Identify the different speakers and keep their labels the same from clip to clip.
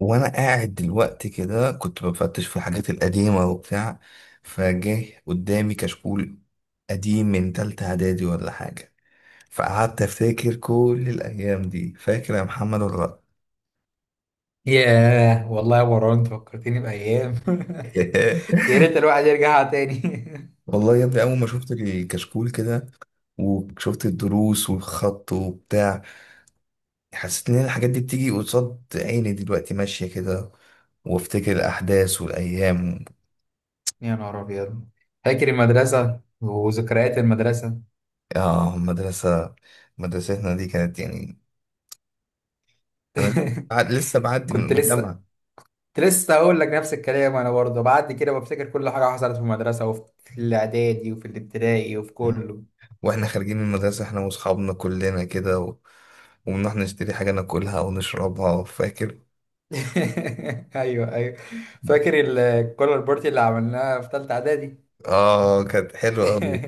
Speaker 1: وانا قاعد دلوقتي كده كنت بفتش في الحاجات القديمه وبتاع، فجه قدامي كشكول قديم من تالتة اعدادي ولا حاجه، فقعدت افتكر كل الايام دي. فاكر يا محمد ولا
Speaker 2: ياه والله يا مروان، انت فكرتني بأيام.
Speaker 1: لأ؟
Speaker 2: يا ريت الواحد يرجعها تاني.
Speaker 1: والله يا ابني، اول ما شفت الكشكول كده وشفت الدروس والخط وبتاع، حسيت ان الحاجات دي بتيجي قصاد عيني دلوقتي ماشيه كده، وافتكر الاحداث والايام.
Speaker 2: يا نهار أبيض! فاكر المدرسة وذكريات المدرسة؟
Speaker 1: اه، مدرسه. مدرستنا دي كانت يعني، انا لسه معدي من
Speaker 2: كنت لسه
Speaker 1: الجامعه.
Speaker 2: كنت لسه هقول لك نفس الكلام، أنا برضه بعد كده بفتكر كل حاجة حصلت في المدرسة وفي الإعدادي وفي الابتدائي وفي
Speaker 1: مم.
Speaker 2: كله.
Speaker 1: واحنا خارجين من المدرسه احنا واصحابنا كلنا كده وبنروح نشتري حاجه ناكلها ونشربها، فاكر؟
Speaker 2: أيوه، أيوه. فاكر الكولر بارتي اللي عملناها في تالتة إعدادي؟
Speaker 1: اه، كانت حلوه قوي.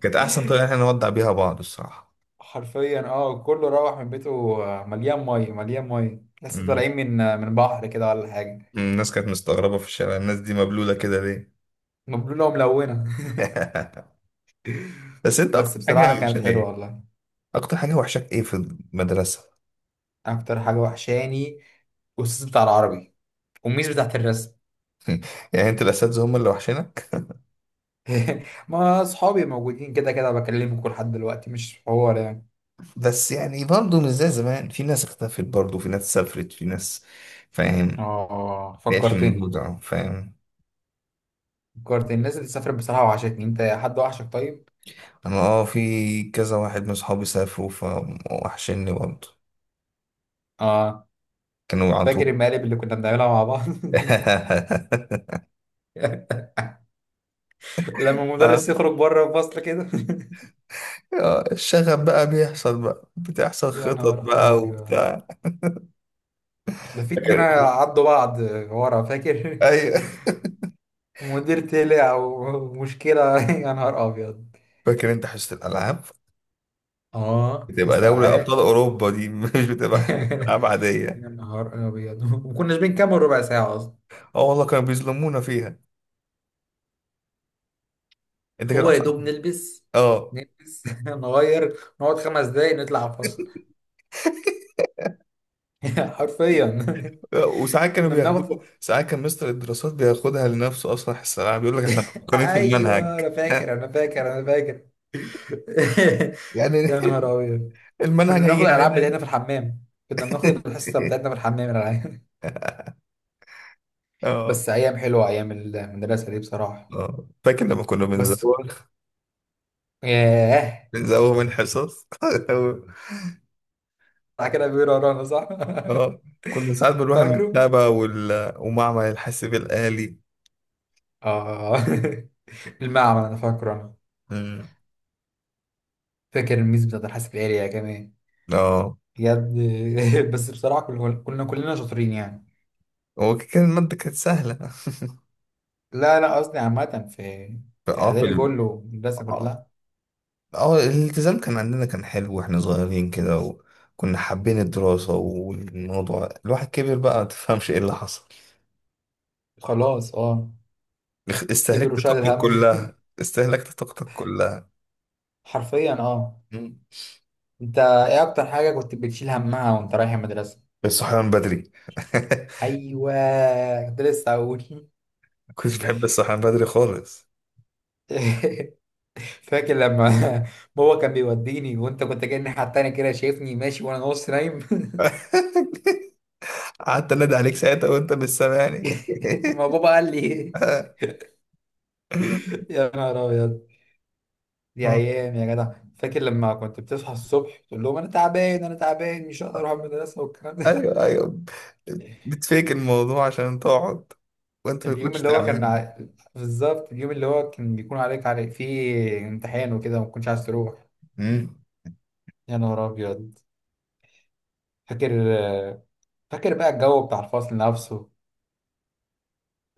Speaker 1: كانت احسن طريقه احنا نودع بيها بعض الصراحه.
Speaker 2: حرفيا، اه، كله روح من بيته. آه، مليان ميه مليان ميه لسه
Speaker 1: مم.
Speaker 2: طالعين من من بحر كده ولا حاجه.
Speaker 1: الناس كانت مستغربه في الشارع، الناس دي مبلوله كده ليه؟
Speaker 2: مبلوله وملونه.
Speaker 1: بس انت
Speaker 2: بس
Speaker 1: اكتر حاجه
Speaker 2: بصراحه كانت
Speaker 1: وحشاك
Speaker 2: حلوه
Speaker 1: ايه؟
Speaker 2: والله.
Speaker 1: اكتر حاجه وحشاك ايه في المدرسه؟
Speaker 2: اكتر حاجه وحشاني الاستاذ بتاع العربي والميس بتاعت الرسم.
Speaker 1: يعني انت الاساتذه هم اللي وحشنا؟
Speaker 2: ما اصحابي موجودين كده كده، بكلمكم لحد دلوقتي مش حوار يعني.
Speaker 1: بس يعني برضه مش زي زمان، في ناس اختفت، برضه في ناس سافرت، في ناس، فاهم؟
Speaker 2: اه،
Speaker 1: بقتش
Speaker 2: فكرتني.
Speaker 1: موجودة، فاهم؟
Speaker 2: فكرتني الناس اللي سافرت، بصراحه وحشتني. انت حد وحشك، طيب؟
Speaker 1: انا، في كذا واحد من صحابي سافروا فوحشني برضه،
Speaker 2: اه،
Speaker 1: كانوا على
Speaker 2: فاكر
Speaker 1: طول.
Speaker 2: المقالب اللي كنا بنعملها مع بعض؟ لما
Speaker 1: آه،
Speaker 2: المدرس يخرج بره الفصل كده.
Speaker 1: الشغف بقى بيحصل، بقى بتحصل
Speaker 2: يا
Speaker 1: خطط
Speaker 2: نهار
Speaker 1: بقى
Speaker 2: أبيض!
Speaker 1: وبتاع.
Speaker 2: ده في اتنين
Speaker 1: فاكر؟
Speaker 2: عضوا بعض ورا، فاكر؟
Speaker 1: ايوه.
Speaker 2: مدير طلع ومشكلة! يا نهار أبيض!
Speaker 1: فاكر انت حصة الالعاب؟
Speaker 2: اه،
Speaker 1: بتبقى دوري ابطال
Speaker 2: استلعاء.
Speaker 1: اوروبا دي، مش بتبقى حصة العاب عادية.
Speaker 2: يا نهار أبيض! وكناش بنكمل ربع ساعة أصلا.
Speaker 1: اه والله، كانوا بيظلمونا فيها. انت كان
Speaker 2: هو يا
Speaker 1: اصعب؟
Speaker 2: دوب نلبس
Speaker 1: اه،
Speaker 2: نلبس، نغير، نقعد 5 دقايق، نطلع فصل. حرفيا.
Speaker 1: وساعات كانوا
Speaker 2: كنا بناخد.
Speaker 1: بياخدوه، ساعات كان مستر الدراسات بياخدها لنفسه اصلا في الثانويه، بيقول لك احنا مفكرين في
Speaker 2: أيوه
Speaker 1: المنهج.
Speaker 2: أنا فاكر، أنا فاكر، أنا فاكر.
Speaker 1: يعني
Speaker 2: يا نهار أبيض! كنا
Speaker 1: المنهج
Speaker 2: بناخد
Speaker 1: هيجي
Speaker 2: الالعاب بتاعتنا
Speaker 1: علينا.
Speaker 2: في الحمام، كنا بناخد الحصه بتاعتنا في الحمام، الالعاب.
Speaker 1: اه.
Speaker 2: بس ايام حلوه، ايام المدرسه دي بصراحه.
Speaker 1: اه فاكر لما كنا
Speaker 2: بس،
Speaker 1: بنزوغ،
Speaker 2: ياه.
Speaker 1: بنزوغ من حصص.
Speaker 2: بتاع كده، بيقولوا ورانا صح؟
Speaker 1: اه. كنا ساعات بنروح
Speaker 2: فاكره.
Speaker 1: المكتبة ومعمل الحاسب الآلي.
Speaker 2: اه. المعمل، انا فاكره انا.
Speaker 1: مم.
Speaker 2: فاكر الميز بتاعت الحاسب الالي كمان؟
Speaker 1: اه،
Speaker 2: بجد. بس بصراحه، كنا كلنا شاطرين يعني.
Speaker 1: هو كان المادة كانت سهلة.
Speaker 2: لا، لا، قصدي عامه في. في
Speaker 1: اه،
Speaker 2: اعدادي كله، المدرسه
Speaker 1: آه.
Speaker 2: كلها.
Speaker 1: اه، الالتزام كان عندنا كان حلو واحنا صغيرين كده. وكنا حابين الدراسة، والموضوع الواحد كبر بقى متفهمش ايه اللي حصل.
Speaker 2: خلاص اه. كبر
Speaker 1: استهلكت
Speaker 2: وشال
Speaker 1: طاقتك
Speaker 2: الهم.
Speaker 1: كلها، استهلكت طاقتك كلها.
Speaker 2: حرفيا اه.
Speaker 1: مم.
Speaker 2: انت ايه اكتر حاجة كنت بتشيل همها وانت رايح المدرسة؟
Speaker 1: الصحيان بدري.
Speaker 2: ايوه، كنت لسه اقول.
Speaker 1: كنت بحب الصحيان بدري خالص.
Speaker 2: فاكر لما بابا كان بيوديني وانت كنت جاي الناحية التانية كده، شايفني ماشي وانا نص نايم؟
Speaker 1: قعدت انادي عليك ساعتها وانت مش سامعني.
Speaker 2: ما بابا قال لي إيه؟ يا نهار ابيض! دي
Speaker 1: اه.
Speaker 2: ايام يا جدع. فاكر لما كنت بتصحى الصبح تقول لهم انا تعبان، انا تعبان، مش هقدر اروح المدرسة والكلام ده؟
Speaker 1: ايوه ايوه، بتفيك الموضوع عشان تقعد وانت ما
Speaker 2: اليوم
Speaker 1: تكونش
Speaker 2: اللي هو كان
Speaker 1: تعبان.
Speaker 2: ع... بالظبط، اليوم اللي هو كان بيكون عليك فيه امتحان وكده ما كنتش عايز تروح.
Speaker 1: مم.
Speaker 2: يا نهار ابيض! فاكر فاكر بقى الجو بتاع الفصل نفسه؟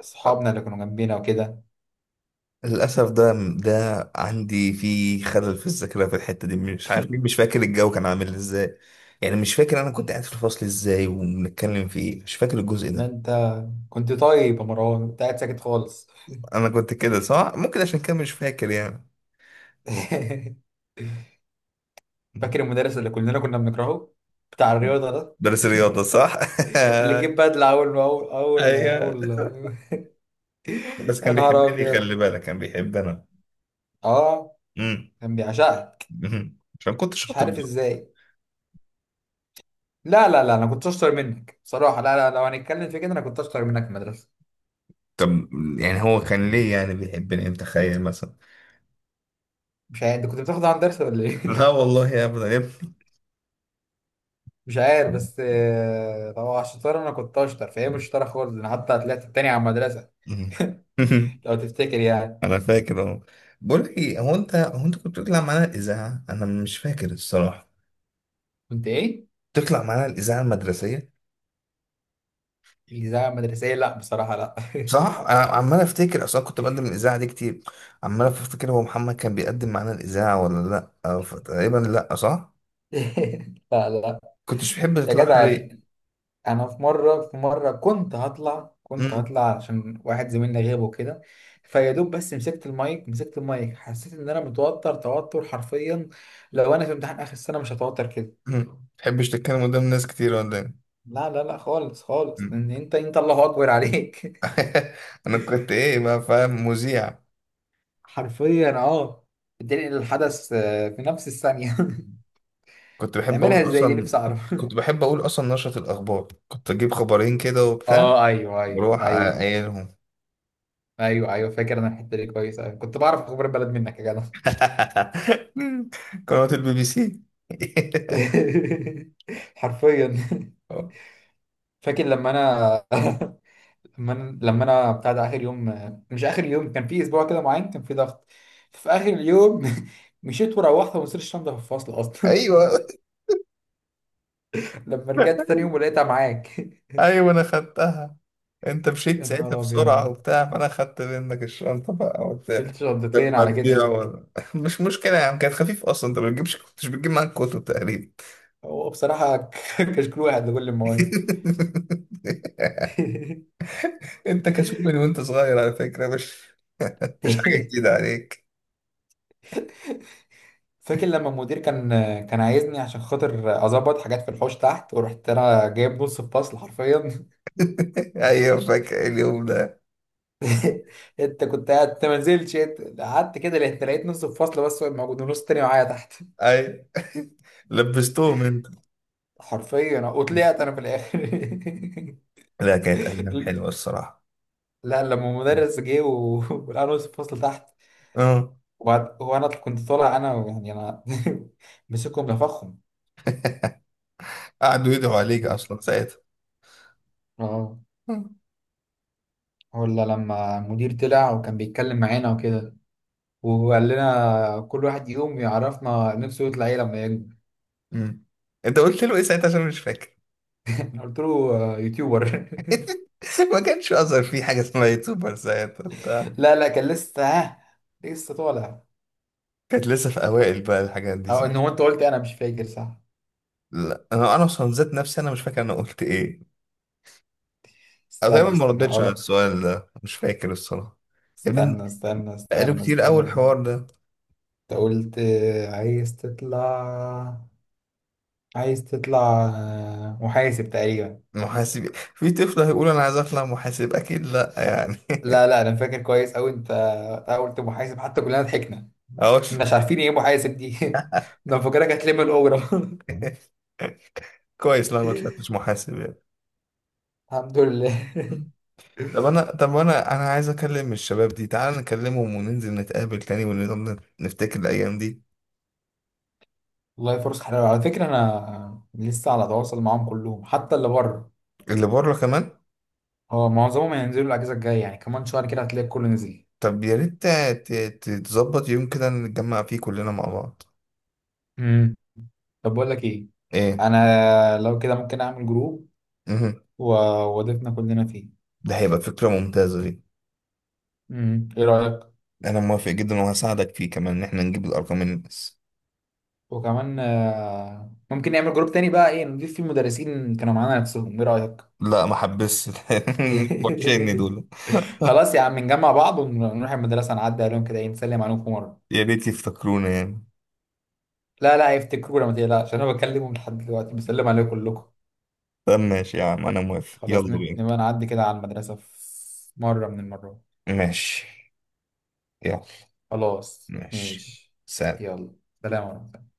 Speaker 2: صحابنا اللي كانوا جنبينا وكده؟
Speaker 1: للأسف ده ده عندي في خلل في الذاكرة، في الحتة دي مش عارف ليه، مش فاكر الجو كان عامل ازاي. يعني مش فاكر أنا كنت قاعد في الفصل ازاي وبنتكلم في ايه، مش فاكر الجزء
Speaker 2: ان
Speaker 1: ده.
Speaker 2: انت كنت طيب يا مروان، انت قاعد ساكت خالص.
Speaker 1: أنا كنت كده صح، ممكن عشان كده مش فاكر يعني.
Speaker 2: فاكر المدرس اللي كلنا كنا بنكرهه، بتاع الرياضة ده؟
Speaker 1: درس رياضة صح.
Speaker 2: اللي جيب بدلة اول ما اول
Speaker 1: أيوه،
Speaker 2: اول اول
Speaker 1: بس
Speaker 2: يا
Speaker 1: كان
Speaker 2: نهار
Speaker 1: بيحبني، خلي
Speaker 2: ابيض!
Speaker 1: بالك كان بيحبنا.
Speaker 2: اه،
Speaker 1: أمم.
Speaker 2: كان بيعشقك.
Speaker 1: عشان كنت
Speaker 2: مش
Speaker 1: شاطر
Speaker 2: عارف
Speaker 1: برضه.
Speaker 2: ازاي. لا، لا، لا، انا كنت اشطر منك بصراحة. لا، لا، لو هنتكلم في كده انا كنت اشطر منك في المدرسة.
Speaker 1: طب يعني هو كان ليه يعني بيحبني، متخيل مثلا؟
Speaker 2: مش عارف، انت كنت بتاخد عن درس ولا
Speaker 1: لا
Speaker 2: ايه؟
Speaker 1: والله أبدا يا
Speaker 2: مش عارف بس لو على الشطاره انا كنت اشطر، فهي مش شطاره خالص، انا حتى طلعت التاني على المدرسه.
Speaker 1: ابني.
Speaker 2: لو تفتكر يعني.
Speaker 1: انا فاكر اهو. بقول لك ايه، هو انت كنت بتطلع معانا الاذاعه، انا مش فاكر الصراحه.
Speaker 2: كنت ايه؟
Speaker 1: بتطلع معانا الاذاعه المدرسيه
Speaker 2: الاذاعه المدرسيه؟ لا بصراحه، لا.
Speaker 1: صح؟ انا عمال افتكر، اصلا كنت بقدم الاذاعه دي كتير. عمال افتكر هو محمد كان بيقدم معانا الاذاعه ولا لا، أو تقريبا لا صح؟
Speaker 2: لا، لا،
Speaker 1: كنتش بتحب
Speaker 2: يا
Speaker 1: تطلع
Speaker 2: جدع يعني.
Speaker 1: ليه؟
Speaker 2: انا في مره كنت هطلع كنت
Speaker 1: امم.
Speaker 2: هطلع عشان واحد زميلنا غاب وكده. فيا دوب، بس مسكت المايك، مسكت المايك، حسيت ان انا متوتر، توتر حرفيا. لو انا في امتحان اخر السنه مش هتوتر كده.
Speaker 1: تحبش تتكلم قدام ناس كتير ولا ايه؟
Speaker 2: لا، لا، لا، خالص خالص، ان
Speaker 1: أمم.
Speaker 2: انت الله اكبر عليك.
Speaker 1: انا كنت ايه بقى، فاهم، مذيع؟
Speaker 2: حرفيا اه. بتنقل الحدث في نفس الثانية. تعملها ازاي؟ نفسي اعرف.
Speaker 1: كنت بحب اقول اصلا نشرة الاخبار، كنت اجيب خبرين كده وبتاع.
Speaker 2: اه، ايوه، ايوه،
Speaker 1: بروح
Speaker 2: ايوه،
Speaker 1: اقايلهم.
Speaker 2: ايوه، ايوه. فاكر انا الحتة دي كويس أوي. كنت بعرف اخبار البلد منك يا جدع.
Speaker 1: قنوات BBC.
Speaker 2: حرفيا. فاكر لما انا. لما انا بتاع ده اخر يوم، مش اخر يوم، كان في اسبوع كده معين، كان في ضغط. في اخر اليوم. مشيت وروحت، وما وصلت الشنطه في الفصل اصلا.
Speaker 1: ايوه
Speaker 2: لما رجعت تاني يوم ولقيتها معاك.
Speaker 1: ايوه، انا خدتها. انت مشيت
Speaker 2: يا
Speaker 1: ساعتها
Speaker 2: نهار
Speaker 1: بسرعه
Speaker 2: ابيض!
Speaker 1: وبتاع، فانا خدت منك الشنطه بقى وبتاع.
Speaker 2: شلت شنطتين
Speaker 1: كانت
Speaker 2: على
Speaker 1: هتضيع
Speaker 2: كتفك.
Speaker 1: مش مشكله يا عم، كانت خفيف اصلا، انت ما بتجيبش، كنتش بتجيب معاك كتب تقريبا.
Speaker 2: هو بصراحة كشكول واحد لكل المواد.
Speaker 1: انت كسول من وانت صغير على فكره، مش مش حاجه جديده عليك.
Speaker 2: فاكر لما المدير كان عايزني عشان خاطر اظبط حاجات في الحوش تحت، ورحت انا جايب نص الفصل حرفيا.
Speaker 1: ايوه فاكر اليوم ده.
Speaker 2: انت كنت قاعد، انت ما نزلتش، أنت قعدت كده، لقيت نص الفصل بس هو موجود، ونص تاني معايا تحت.
Speaker 1: ايوه. لبستهم انت.
Speaker 2: حرفيا، وطلعت انا في الاخر.
Speaker 1: لا كانت أيام حلوة الصراحة.
Speaker 2: لا، لما المدرس جه ولقى نص الفصل تحت.
Speaker 1: اه.
Speaker 2: وانا كنت طالع انا يعني انا. مسكهم نفخهم.
Speaker 1: قعدوا يدعوا عليك أصلا ساعتها.
Speaker 2: اه.
Speaker 1: آه.
Speaker 2: ولا لما المدير طلع وكان بيتكلم معانا وكده، وقال لنا كل واحد يقوم يعرفنا نفسه يطلع ايه لما يكبر.
Speaker 1: مم. أنت قلت له إيه ساعتها، عشان مش فاكر؟
Speaker 2: أنا قلت له يوتيوبر.
Speaker 1: ما كانش أظهر في حاجة اسمها يوتيوبر ساعتها بتاع.
Speaker 2: لا، لا، كان لسه ها، لسه طالع.
Speaker 1: كانت لسه في أوائل بقى الحاجات دي
Speaker 2: او
Speaker 1: صح؟
Speaker 2: ان هو انت قلت إيه؟ انا مش فاكر صح.
Speaker 1: لا أنا أصلا ذات نفسي، أنا مش فاكر أنا قلت إيه. أنا دايما
Speaker 2: استنى،
Speaker 1: ما
Speaker 2: استنى،
Speaker 1: ردتش على
Speaker 2: هقول.
Speaker 1: السؤال ده، مش فاكر الصراحة. يا ابني،
Speaker 2: استنى، استنى،
Speaker 1: بقاله
Speaker 2: استنى،
Speaker 1: كتير أوي
Speaker 2: استنى، انت.
Speaker 1: الحوار ده.
Speaker 2: قلت عايز تطلع محاسب تقريبا.
Speaker 1: محاسب؟ في طفل هيقول أنا عايز أطلع محاسب؟ أكيد لأ يعني.
Speaker 2: لا، لا، انا فاكر كويس اوي انت قلت محاسب، حتى كلنا ضحكنا.
Speaker 1: أهوش.
Speaker 2: كناش عارفين ايه محاسب دي. انا فاكرك هتلم الاجره.
Speaker 1: كويس، لا ما طلعتش محاسب يعني.
Speaker 2: الحمد لله.
Speaker 1: طب انا عايز اكلم الشباب دي، تعال نكلمهم وننزل نتقابل تاني ونفضل نفتكر الايام دي.
Speaker 2: والله فرصة حلوة، على فكرة أنا لسه على تواصل معاهم كلهم حتى اللي بره.
Speaker 1: اللي بره كمان.
Speaker 2: هو معظمهم هينزلوا الأجازة الجاية، يعني كمان شهر كده هتلاقي الكل نزل.
Speaker 1: طب يا ريت تظبط يوم كده نتجمع فيه كلنا مع بعض.
Speaker 2: امم. طب، بقول لك إيه؟
Speaker 1: ايه.
Speaker 2: أنا لو كده، ممكن أعمل جروب
Speaker 1: مهم.
Speaker 2: و- وأضيفنا كلنا فيه.
Speaker 1: ده هيبقى فكرة ممتازة دي.
Speaker 2: امم، إيه رأيك؟
Speaker 1: انا موافق جدا وهساعدك فيه كمان ان احنا نجيب الارقام من الناس.
Speaker 2: وكمان ممكن نعمل جروب تاني بقى، إيه، نضيف فيه المدرسين كانوا معانا نفسهم، إيه رأيك؟
Speaker 1: لا ما حبسش. وحشين دول.
Speaker 2: خلاص يا عم، نجمع بعض ونروح المدرسة نعدي عليهم كده، إيه، نسلم عليكم مرة.
Speaker 1: يا ريت يفتكرونا يعني.
Speaker 2: لا، لا، هيفتكرونا ما تقلقش، أنا بكلمهم لحد دلوقتي بسلم عليكم كلكم.
Speaker 1: طب ماشي يا عم، انا موافق،
Speaker 2: خلاص،
Speaker 1: يلا بينا.
Speaker 2: نبقى نعدي كده على المدرسة في مرة من المرات.
Speaker 1: ماشي. يلا.
Speaker 2: خلاص
Speaker 1: ماشي.
Speaker 2: ماشي.
Speaker 1: سلام.
Speaker 2: يلا. سلام ورحمة الله.